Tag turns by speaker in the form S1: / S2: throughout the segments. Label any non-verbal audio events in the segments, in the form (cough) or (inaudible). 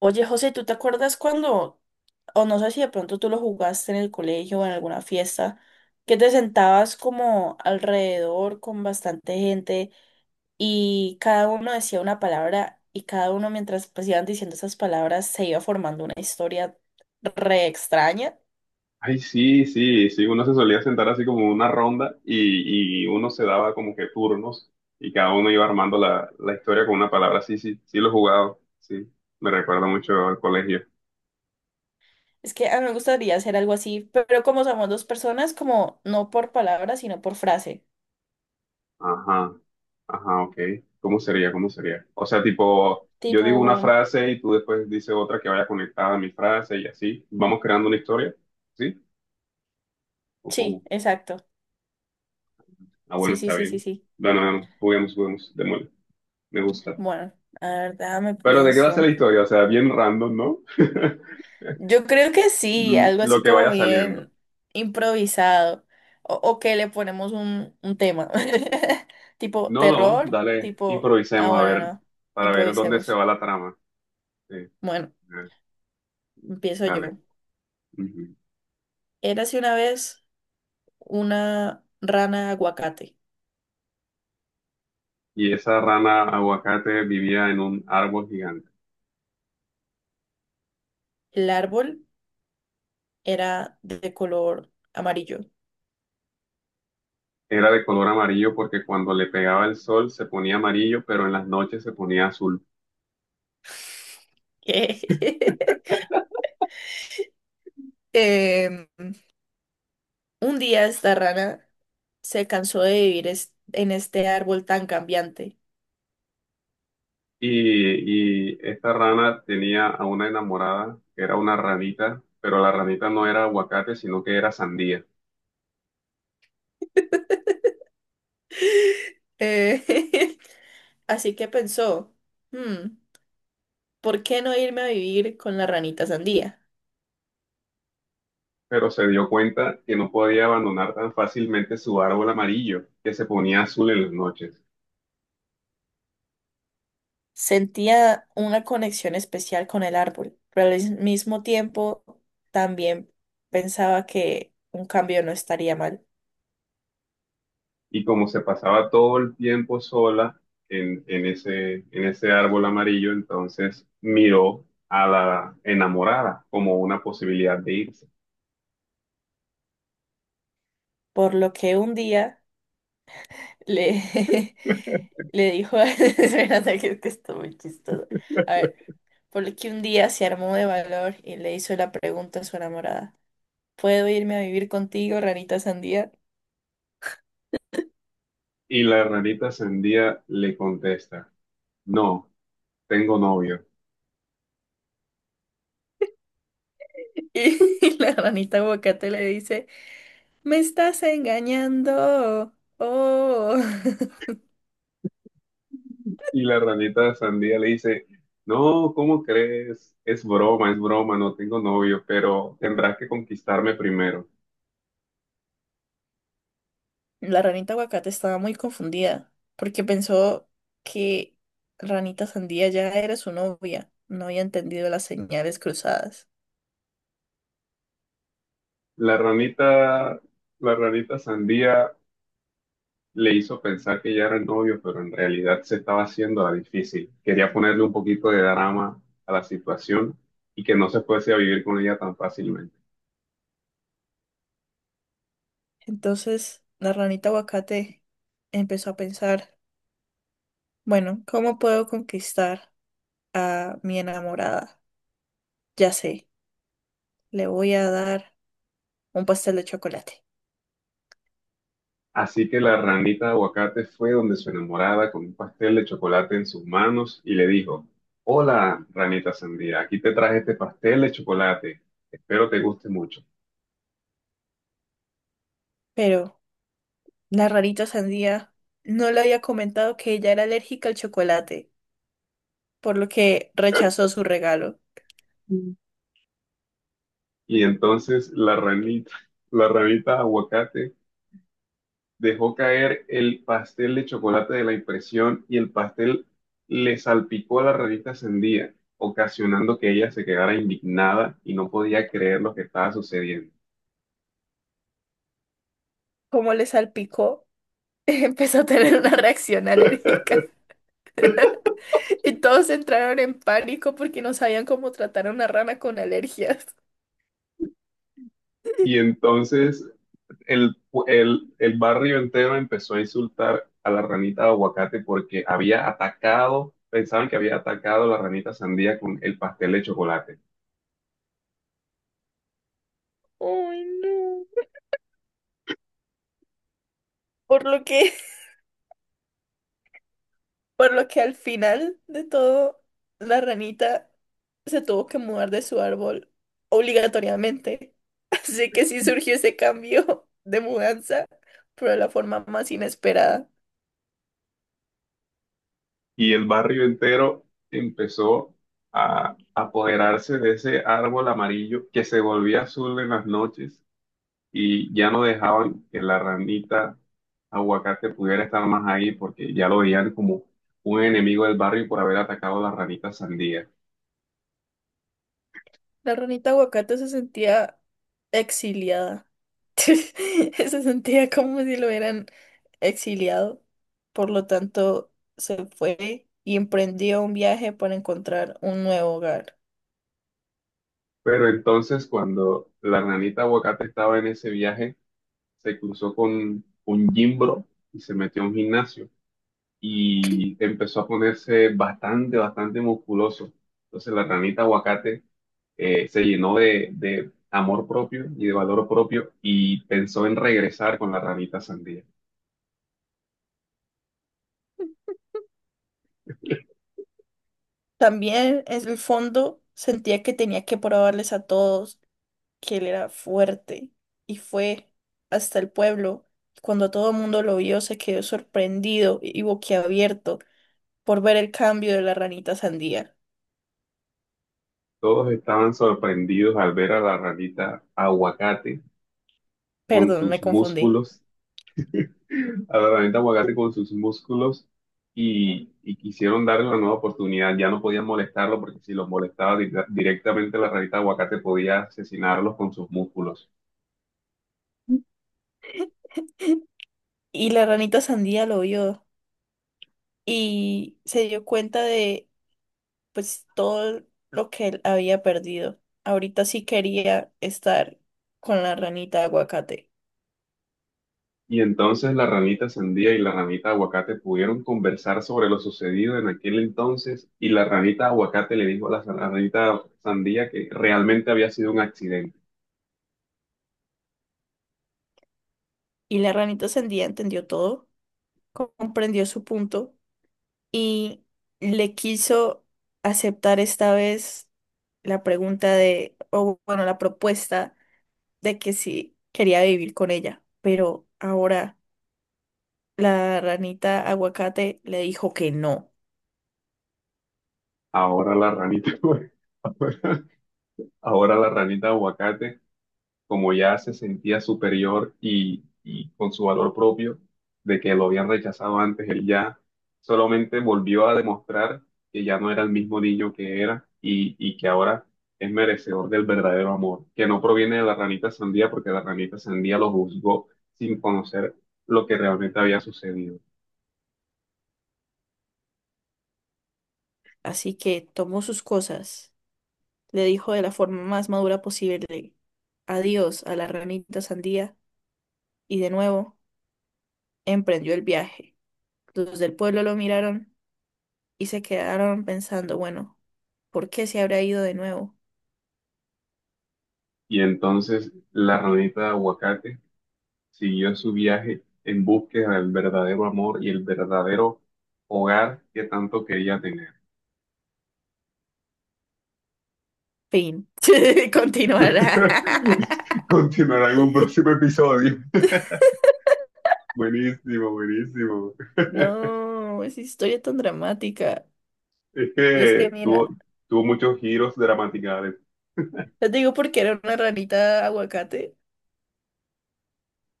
S1: Oye, José, ¿tú te acuerdas cuando, o no sé si de pronto tú lo jugaste en el colegio o en alguna fiesta, que te sentabas como alrededor con bastante gente y cada uno decía una palabra y cada uno mientras pues iban diciendo esas palabras se iba formando una historia re extraña?
S2: Ay, sí, sí, sí, uno se solía sentar así como en una ronda y uno se daba como que turnos y cada uno iba armando la historia con una palabra. Sí, sí, sí lo he jugado, sí, me recuerda mucho al colegio.
S1: Es que a mí me gustaría hacer algo así, pero como somos dos personas, como no por palabra, sino por frase.
S2: Ajá, ajá, ok. ¿Cómo sería? ¿Cómo sería? O sea, tipo, yo
S1: Tipo,
S2: digo una frase y tú después dices otra que vaya conectada a mi frase y así. Vamos creando una historia, ¿sí? ¿O cómo?
S1: sí, exacto.
S2: Ah, bueno,
S1: Sí, sí,
S2: está
S1: sí, sí,
S2: bien.
S1: sí.
S2: Bueno, bueno, juguemos, juguemos, demonio, me gusta.
S1: Bueno, la verdad me
S2: Pero ¿de qué va a
S1: pienso.
S2: ser la historia? O sea, bien random, ¿no? (laughs)
S1: Yo creo que sí, algo
S2: Lo
S1: así
S2: que
S1: como
S2: vaya saliendo.
S1: bien improvisado. O que le ponemos un tema. (laughs) Tipo
S2: No, no,
S1: terror,
S2: dale,
S1: tipo, ah,
S2: improvisemos a
S1: bueno,
S2: ver,
S1: no,
S2: para ver dónde se
S1: improvisemos.
S2: va la trama. Sí,
S1: Bueno, empiezo
S2: dale.
S1: yo.
S2: Ujú.
S1: Érase una vez una rana aguacate.
S2: Y esa rana aguacate vivía en un árbol gigante.
S1: El árbol era de color amarillo.
S2: Era de color amarillo porque cuando le pegaba el sol se ponía amarillo, pero en las noches se ponía azul.
S1: (laughs) Em, un día esta rana se cansó de vivir en este árbol tan cambiante.
S2: Y esta rana tenía a una enamorada, que era una ranita, pero la ranita no era aguacate, sino que era sandía.
S1: Eh, (laughs) Así que pensó, "Hmm, ¿por qué no irme a vivir con la ranita sandía?
S2: Pero se dio cuenta que no podía abandonar tan fácilmente su árbol amarillo, que se ponía azul en las noches.
S1: Sentía una conexión especial con el árbol, pero al mismo tiempo también pensaba que un cambio no estaría mal.
S2: Y como se pasaba todo el tiempo sola en ese árbol amarillo, entonces miró a la enamorada como una posibilidad de irse.
S1: Por lo que un día le, (laughs) le dijo, (laughs) espérate que esto muy chistoso. A ver, por lo que un día se armó de valor y le hizo la pregunta a su enamorada. ¿Puedo irme a vivir contigo, ranita sandía?
S2: Y la ranita sandía le contesta, no, tengo novio.
S1: (laughs) Y la ranita aguacate le dice, me estás engañando. Oh. (laughs)
S2: Y la ranita sandía le dice, no, ¿cómo crees? Es broma, no tengo novio, pero tendrás que conquistarme primero.
S1: La ranita aguacate estaba muy confundida porque pensó que ranita sandía ya era su novia. No había entendido las señales cruzadas.
S2: La ranita, la ranita sandía le hizo pensar que ya era el novio, pero en realidad se estaba haciendo la difícil. Quería ponerle un poquito de drama a la situación y que no se fuese a vivir con ella tan fácilmente.
S1: Entonces, la ranita aguacate empezó a pensar, bueno, ¿cómo puedo conquistar a mi enamorada? Ya sé, le voy a dar un pastel de chocolate.
S2: Así que la ranita de aguacate fue donde su enamorada con un pastel de chocolate en sus manos y le dijo, hola, ranita sandía, aquí te traje este pastel de chocolate. Espero te guste mucho.
S1: Pero la rarita sandía no le había comentado que ella era alérgica al chocolate, por lo que rechazó su regalo.
S2: Mm. Y entonces la ranita aguacate dejó caer el pastel de chocolate de la impresión y el pastel le salpicó a la revista Sendía, ocasionando que ella se quedara indignada y no podía creer lo que estaba sucediendo.
S1: Como le salpicó, (laughs) empezó a tener una reacción alérgica. (laughs) Y todos entraron en pánico porque no sabían cómo tratar a una rana con alergias.
S2: Y entonces el, el barrio entero empezó a insultar a la ranita de aguacate porque había atacado, pensaban que había atacado a la ranita sandía con el pastel de chocolate.
S1: Ay, no. Por lo que Por lo que al final de todo, la ranita se tuvo que mudar de su árbol obligatoriamente. (laughs) Así que sí surgió ese cambio de mudanza, pero de la forma más inesperada.
S2: Y el barrio entero empezó a apoderarse de ese árbol amarillo que se volvía azul en las noches y ya no dejaban que la ranita aguacate pudiera estar más ahí porque ya lo veían como un enemigo del barrio por haber atacado a la ranita sandía.
S1: La ranita aguacate se sentía exiliada. (laughs) Se sentía como si lo hubieran exiliado. Por lo tanto, se fue y emprendió un viaje para encontrar un nuevo hogar.
S2: Pero entonces cuando la ranita aguacate estaba en ese viaje, se cruzó con un gimbro y se metió a un gimnasio. Y empezó a ponerse bastante, bastante musculoso. Entonces la ranita aguacate se llenó de amor propio y de valor propio y pensó en regresar con la ranita sandía.
S1: También en el fondo sentía que tenía que probarles a todos que él era fuerte y fue hasta el pueblo. Cuando todo el mundo lo vio, se quedó sorprendido y boquiabierto por ver el cambio de la ranita sandía.
S2: Todos estaban sorprendidos al ver a la ranita aguacate con
S1: Perdón, me
S2: sus
S1: confundí.
S2: músculos, a la ranita aguacate con sus músculos y quisieron darle una nueva oportunidad. Ya no podían molestarlo porque si los molestaba directamente la ranita aguacate podía asesinarlos con sus músculos.
S1: Y la ranita sandía lo vio y se dio cuenta de pues todo lo que él había perdido. Ahorita sí quería estar con la ranita de aguacate.
S2: Y entonces la ranita sandía y la ranita aguacate pudieron conversar sobre lo sucedido en aquel entonces y la ranita aguacate le dijo a la a ranita sandía que realmente había sido un accidente.
S1: Y la ranita sandía entendió todo, comprendió su punto y le quiso aceptar esta vez la pregunta de, o bueno, la propuesta de que sí quería vivir con ella. Pero ahora la ranita aguacate le dijo que no.
S2: Ahora la ranita, (laughs) ahora la ranita aguacate como ya se sentía superior y con su valor propio de que lo habían rechazado antes, él ya solamente volvió a demostrar que ya no era el mismo niño que era y que ahora es merecedor del verdadero amor, que no proviene de la ranita sandía porque la ranita sandía lo juzgó sin conocer lo que realmente había sucedido.
S1: Así que tomó sus cosas. Le dijo de la forma más madura posible adiós a la ranita sandía y de nuevo emprendió el viaje. Los del pueblo lo miraron y se quedaron pensando, bueno, ¿por qué se habrá ido de nuevo?
S2: Y entonces la ranita de aguacate siguió su viaje en búsqueda del verdadero amor y el verdadero hogar que tanto quería tener.
S1: Fin. (laughs) Continuará.
S2: (laughs) Continuará en un próximo episodio. (laughs) Buenísimo, buenísimo. (laughs)
S1: No, es historia tan dramática.
S2: Es
S1: Y es que,
S2: que tuvo,
S1: mira,
S2: tuvo muchos giros gramaticales.
S1: les digo porque era una ranita aguacate,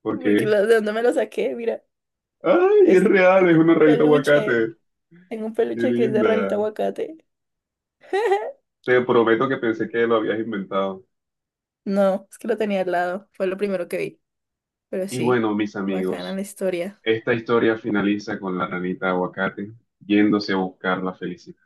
S2: ¿Por
S1: porque
S2: qué?
S1: la- de dónde me lo saqué, mira,
S2: Ay, es
S1: es que
S2: real, es una rayita aguacate.
S1: tengo un
S2: Qué
S1: peluche que es de ranita
S2: linda.
S1: aguacate. (laughs)
S2: Te prometo que pensé que lo habías inventado.
S1: No, es que lo tenía al lado. Fue lo primero que vi. Pero
S2: Y
S1: sí,
S2: bueno, mis
S1: bacana la
S2: amigos,
S1: historia.
S2: esta historia finaliza con la ranita aguacate yéndose a buscar la felicidad.